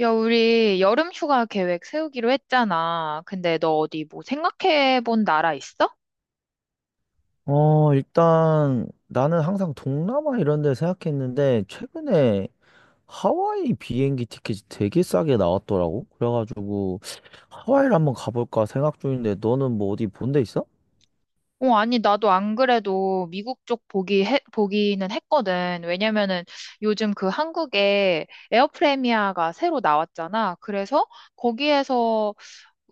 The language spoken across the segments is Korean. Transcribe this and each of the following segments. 야, 우리 여름 휴가 계획 세우기로 했잖아. 근데 너 어디 뭐 생각해 본 나라 있어? 일단 나는 항상 동남아 이런 데 생각했는데 최근에 하와이 비행기 티켓이 되게 싸게 나왔더라고. 그래가지고 하와이를 한번 가볼까 생각 중인데 너는 뭐 어디 본데 있어? 어, 아니, 나도 안 그래도 미국 쪽 보기는 했거든. 왜냐면은 요즘 그 한국에 에어프레미아가 새로 나왔잖아. 그래서 거기에서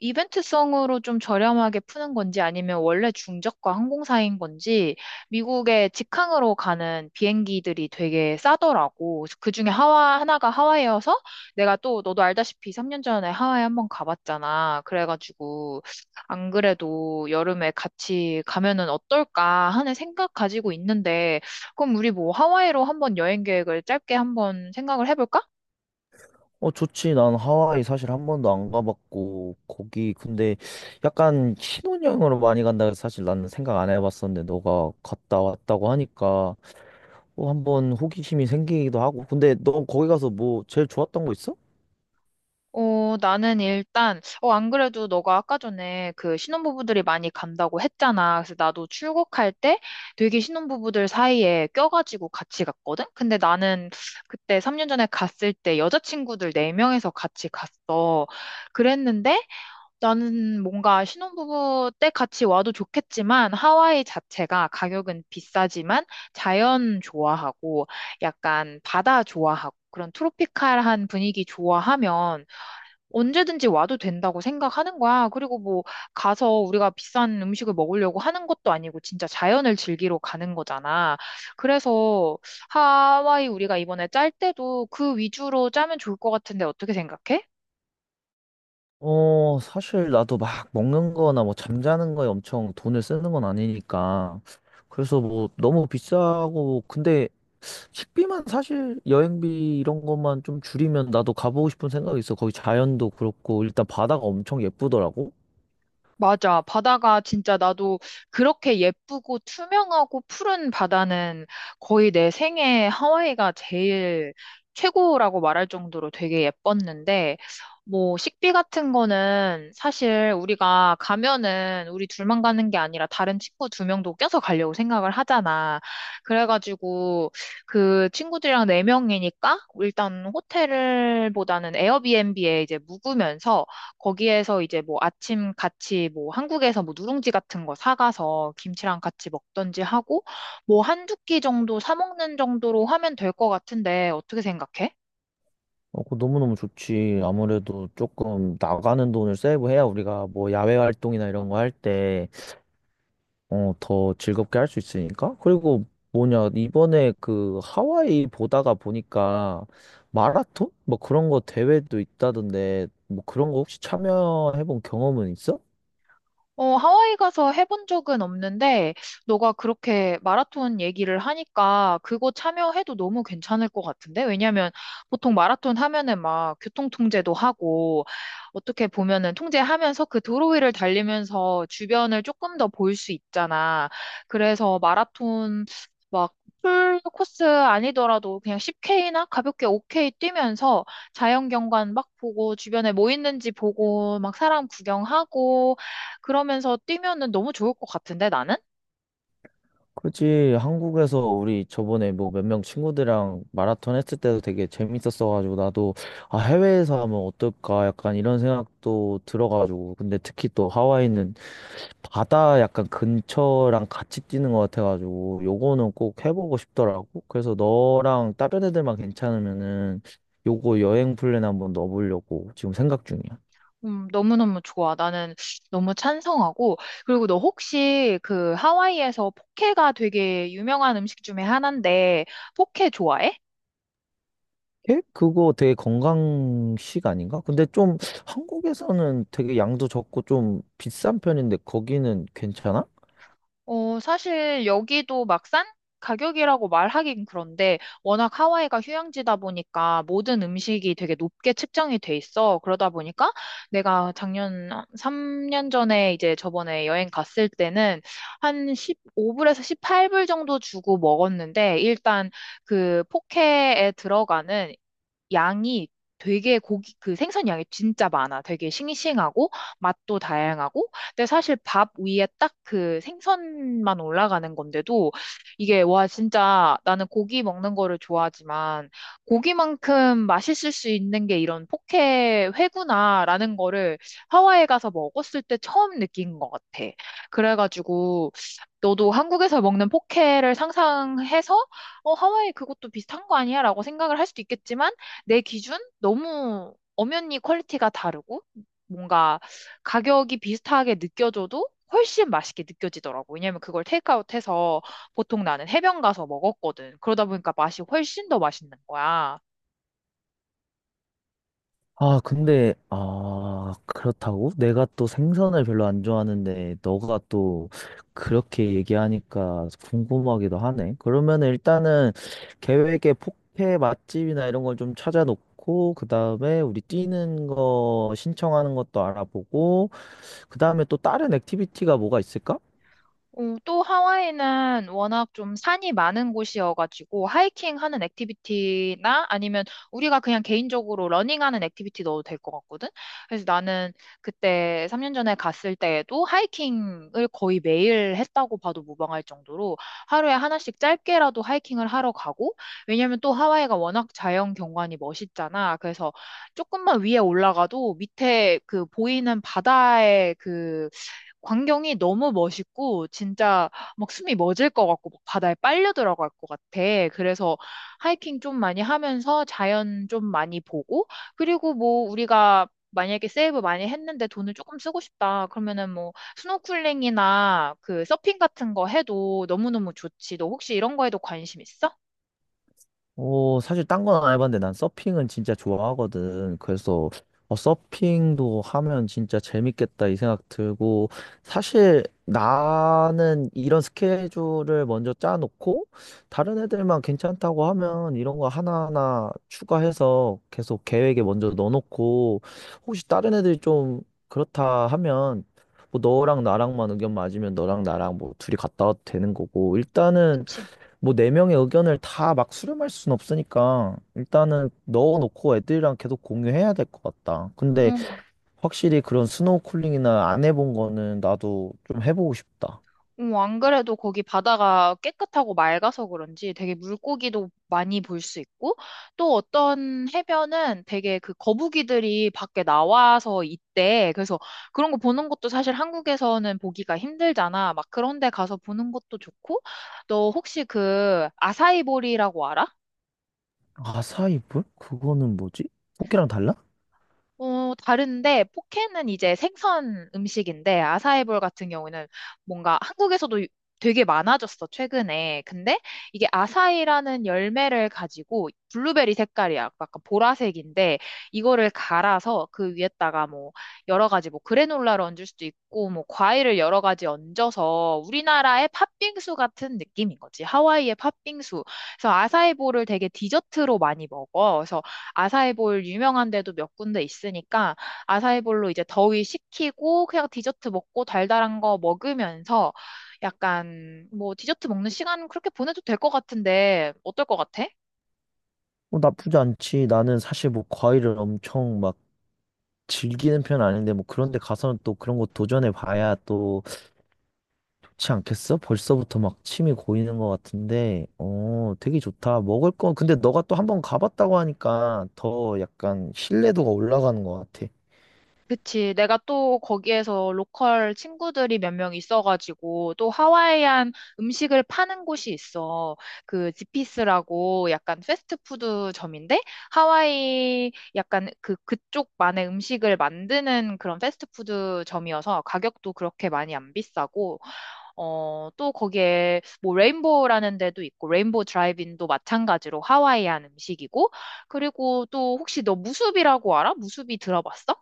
이벤트성으로 좀 저렴하게 푸는 건지 아니면 원래 중저가 항공사인 건지 미국의 직항으로 가는 비행기들이 되게 싸더라고. 그중에 하와 하나가 하와이여서 내가 또 너도 알다시피 3년 전에 하와이 한번 가봤잖아. 그래가지고 안 그래도 여름에 같이 가면은 어떨까 하는 생각 가지고 있는데, 그럼 우리 뭐 하와이로 한번 여행 계획을 짧게 한번 생각을 해볼까? 어, 좋지. 난 하와이 사실 한 번도 안 가봤고 거기 근데 약간 신혼여행으로 많이 간다 해서 사실 나는 생각 안 해봤었는데 너가 갔다 왔다고 하니까 어 한번 호기심이 생기기도 하고 근데 너 거기 가서 뭐 제일 좋았던 거 있어? 어, 나는 일단, 안 그래도 너가 아까 전에 그 신혼부부들이 많이 간다고 했잖아. 그래서 나도 출국할 때 되게 신혼부부들 사이에 껴가지고 같이 갔거든? 근데 나는 그때 3년 전에 갔을 때 여자친구들 4명에서 같이 갔어. 그랬는데 나는 뭔가 신혼부부 때 같이 와도 좋겠지만, 하와이 자체가 가격은 비싸지만 자연 좋아하고 약간 바다 좋아하고 그런 트로피칼한 분위기 좋아하면 언제든지 와도 된다고 생각하는 거야. 그리고 뭐 가서 우리가 비싼 음식을 먹으려고 하는 것도 아니고 진짜 자연을 즐기러 가는 거잖아. 그래서 하와이 우리가 이번에 짤 때도 그 위주로 짜면 좋을 것 같은데, 어떻게 생각해? 사실 나도 막 먹는 거나 뭐 잠자는 거에 엄청 돈을 쓰는 건 아니니까. 그래서 뭐 너무 비싸고, 근데 식비만 사실 여행비 이런 것만 좀 줄이면 나도 가보고 싶은 생각이 있어. 거기 자연도 그렇고, 일단 바다가 엄청 예쁘더라고. 맞아. 바다가 진짜, 나도 그렇게 예쁘고 투명하고 푸른 바다는 거의 내 생애 하와이가 제일 최고라고 말할 정도로 되게 예뻤는데, 뭐, 식비 같은 거는 사실 우리가 가면은 우리 둘만 가는 게 아니라 다른 친구 두 명도 껴서 가려고 생각을 하잖아. 그래가지고 그 친구들이랑 네 명이니까 일단 호텔보다는 에어비앤비에 이제 묵으면서 거기에서 이제 뭐 아침 같이 뭐 한국에서 뭐 누룽지 같은 거 사가서 김치랑 같이 먹던지 하고, 뭐 한두 끼 정도 사 먹는 정도로 하면 될 것 같은데 어떻게 생각해? 어, 그거 너무너무 좋지. 아무래도 조금 나가는 돈을 세이브해야 우리가 뭐 야외 활동이나 이런 거할때 더 즐겁게 할 수 있으니까. 그리고 뭐냐, 이번에 그 하와이 보다가 보니까 마라톤? 뭐 그런 거 대회도 있다던데, 뭐 그런 거 혹시 참여해 본 경험은 있어? 어, 하와이 가서 해본 적은 없는데, 너가 그렇게 마라톤 얘기를 하니까 그거 참여해도 너무 괜찮을 것 같은데? 왜냐면 보통 마라톤 하면은 막 교통 통제도 하고, 어떻게 보면은 통제하면서 그 도로위를 달리면서 주변을 조금 더 볼 수 있잖아. 그래서 마라톤, 막 풀 코스 아니더라도 그냥 10K나 가볍게 5K 뛰면서 자연 경관 막 보고 주변에 뭐 있는지 보고 막 사람 구경하고, 그러면서 뛰면은 너무 좋을 것 같은데, 나는? 그치, 한국에서 우리 저번에 뭐 몇 명 친구들이랑 마라톤 했을 때도 되게 재밌었어가지고 나도 아, 해외에서 하면 어떨까 약간 이런 생각도 들어가지고. 근데 특히 또 하와이는 바다 약간 근처랑 같이 뛰는 것 같아가지고 요거는 꼭 해보고 싶더라고. 그래서 너랑 다른 애들만 괜찮으면은 요거 여행 플랜 한번 넣어보려고 지금 생각 중이야. 너무너무 좋아. 나는 너무 찬성하고. 그리고 너 혹시, 그 하와이에서 포케가 되게 유명한 음식 중에 하나인데, 포케 좋아해? 예? 그거 되게 건강식 아닌가? 근데 좀 한국에서는 되게 양도 적고 좀 비싼 편인데 거기는 괜찮아? 어, 사실 여기도 막싼 가격이라고 말하긴 그런데, 워낙 하와이가 휴양지다 보니까 모든 음식이 되게 높게 측정이 돼 있어. 그러다 보니까 내가 작년, 3년 전에 이제 저번에 여행 갔을 때는 한 15불에서 18불 정도 주고 먹었는데, 일단 그 포케에 들어가는 양이, 되게 고기, 그 생선 양이 진짜 많아. 되게 싱싱하고 맛도 다양하고. 근데 사실 밥 위에 딱 그 생선만 올라가는 건데도 이게 와 진짜, 나는 고기 먹는 거를 좋아하지만 고기만큼 맛있을 수 있는 게 이런 포케, 회구나라는 거를 하와이에 가서 먹었을 때 처음 느낀 것 같아. 그래가지고 너도 한국에서 먹는 포케를 상상해서 하와이 그것도 비슷한 거 아니야? 라고 생각을 할 수도 있겠지만, 내 기준? 너무 엄연히 퀄리티가 다르고, 뭔가 가격이 비슷하게 느껴져도 훨씬 맛있게 느껴지더라고. 왜냐면 그걸 테이크아웃 해서 보통 나는 해변 가서 먹었거든. 그러다 보니까 맛이 훨씬 더 맛있는 거야. 아, 근데, 아, 그렇다고? 내가 또 생선을 별로 안 좋아하는데, 너가 또 그렇게 얘기하니까 궁금하기도 하네. 그러면 일단은 계획에 포케 맛집이나 이런 걸 좀 찾아놓고, 그 다음에 우리 뛰는 거 신청하는 것도 알아보고, 그 다음에 또 다른 액티비티가 뭐가 있을까? 어, 또 하와이는 워낙 좀 산이 많은 곳이어가지고 하이킹 하는 액티비티나, 아니면 우리가 그냥 개인적으로 러닝하는 액티비티 넣어도 될 것 같거든. 그래서 나는 그때 3년 전에 갔을 때에도 하이킹을 거의 매일 했다고 봐도 무방할 정도로 하루에 하나씩 짧게라도 하이킹을 하러 가고. 왜냐면 또 하와이가 워낙 자연 경관이 멋있잖아. 그래서 조금만 위에 올라가도 밑에 그 보이는 바다의 그 광경이 너무 멋있고 진짜 막 숨이 멎을 것 같고 막 바다에 빨려 들어갈 것 같아. 그래서 하이킹 좀 많이 하면서 자연 좀 많이 보고, 그리고 뭐 우리가 만약에 세이브 많이 했는데 돈을 조금 쓰고 싶다, 그러면은 뭐 스노클링이나 그 서핑 같은 거 해도 너무너무 좋지. 너 혹시 이런 거에도 관심 있어? 사실 딴 건 안 해봤는데 난 서핑은 진짜 좋아하거든. 그래서 서핑도 하면 진짜 재밌겠다 이 생각 들고 사실 나는 이런 스케줄을 먼저 짜놓고 다른 애들만 괜찮다고 하면 이런 거 하나하나 추가해서 계속 계획에 먼저 넣어놓고 혹시 다른 애들이 좀 그렇다 하면 뭐 너랑 나랑만 의견 맞으면 너랑 나랑 뭐 둘이 갔다 와도 되는 거고 일단은 그치? 뭐 네 명의 의견을 다 막 수렴할 순 없으니까 일단은 넣어놓고 애들이랑 계속 공유해야 될 것 같다. 근데 확실히 그런 스노우쿨링이나 안 해본 거는 나도 좀 해보고 싶다. 어, 안 그래도 거기 바다가 깨끗하고 맑아서 그런지 되게 물고기도 많이 볼 수 있고, 또 어떤 해변은 되게 그 거북이들이 밖에 나와서 있대. 그래서 그런 거 보는 것도 사실 한국에서는 보기가 힘들잖아. 막 그런 데 가서 보는 것도 좋고. 너 혹시 그 아사이보리라고 알아? 아사이볼? 그거는 뭐지? 포기랑 달라? 어, 다른데, 포케는 이제 생선 음식인데, 아사이볼 같은 경우는, 뭔가 한국에서도 되게 많아졌어, 최근에. 근데 이게 아사이라는 열매를 가지고, 블루베리 색깔이, 야, 약간 보라색인데, 이거를 갈아서 그 위에다가 뭐, 여러 가지, 뭐, 그래놀라를 얹을 수도 있고, 뭐, 과일을 여러 가지 얹어서 우리나라의 팥빙수 같은 느낌인 거지. 하와이의 팥빙수. 그래서 아사이볼을 되게 디저트로 많이 먹어. 그래서 아사이볼 유명한 데도 몇 군데 있으니까 아사이볼로 이제 더위 식히고 그냥 디저트 먹고 달달한 거 먹으면서 약간 뭐 디저트 먹는 시간 그렇게 보내도 될 것 같은데, 어떨 것 같아? 어, 나쁘지 않지. 나는 사실 뭐 과일을 엄청 막 즐기는 편은 아닌데 뭐 그런 데 가서는 또 그런 거 도전해 봐야 또 그렇지 않겠어? 벌써부터 막 침이 고이는 것 같은데, 어, 되게 좋다. 먹을 거, 근데 너가 또 한 번 가봤다고 하니까 더 약간 신뢰도가 올라가는 것 같아. 그치. 내가 또 거기에서 로컬 친구들이 몇 명 있어가지고 또 하와이안 음식을 파는 곳이 있어. 그 지피스라고 약간 패스트푸드 점인데, 하와이 약간 그 그쪽만의 음식을 만드는 그런 패스트푸드 점이어서 가격도 그렇게 많이 안 비싸고, 어, 또 거기에 뭐 레인보우라는 데도 있고, 레인보우 드라이빈도 마찬가지로 하와이안 음식이고. 그리고 또 혹시 너 무수비라고 알아? 무수비 들어봤어?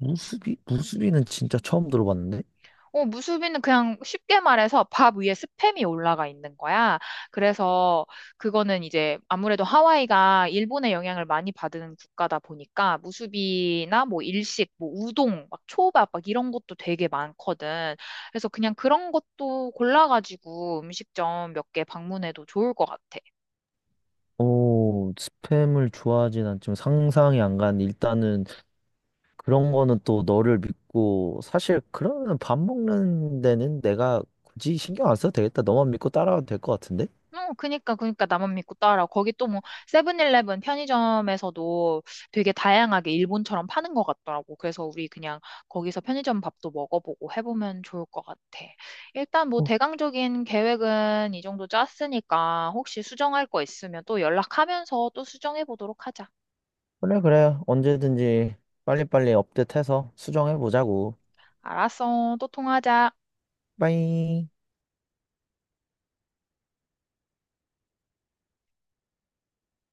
무수비? 무수비는 진짜 처음 들어봤는데? 어, 무수비는 그냥 쉽게 말해서 밥 위에 스팸이 올라가 있는 거야. 그래서 그거는 이제 아무래도 하와이가 일본의 영향을 많이 받은 국가다 보니까 무수비나 뭐 일식, 뭐 우동, 막 초밥, 막 이런 것도 되게 많거든. 그래서 그냥 그런 것도 골라가지고 음식점 몇 개 방문해도 좋을 것 같아. 어, 스팸을 좋아하진 않지만 상상이 안 가는데, 일단은 그런 거는 또 너를 믿고, 사실 그러면 밥 먹는 데는 내가 굳이 신경 안 써도 되겠다. 너만 믿고 따라와도 될 것 같은데? 어, 그니까, 나만 믿고 따라. 거기 또 뭐, 세븐일레븐 편의점에서도 되게 다양하게 일본처럼 파는 것 같더라고. 그래서 우리 그냥 거기서 편의점 밥도 먹어보고 해보면 좋을 것 같아. 일단 뭐, 대강적인 계획은 이 정도 짰으니까, 혹시 수정할 거 있으면 또 연락하면서 또 수정해 보도록 하자. 그래, 그래. 언제든지 빨리빨리 업데이트해서 수정해보자고. 알았어. 또 통화하자. 빠이.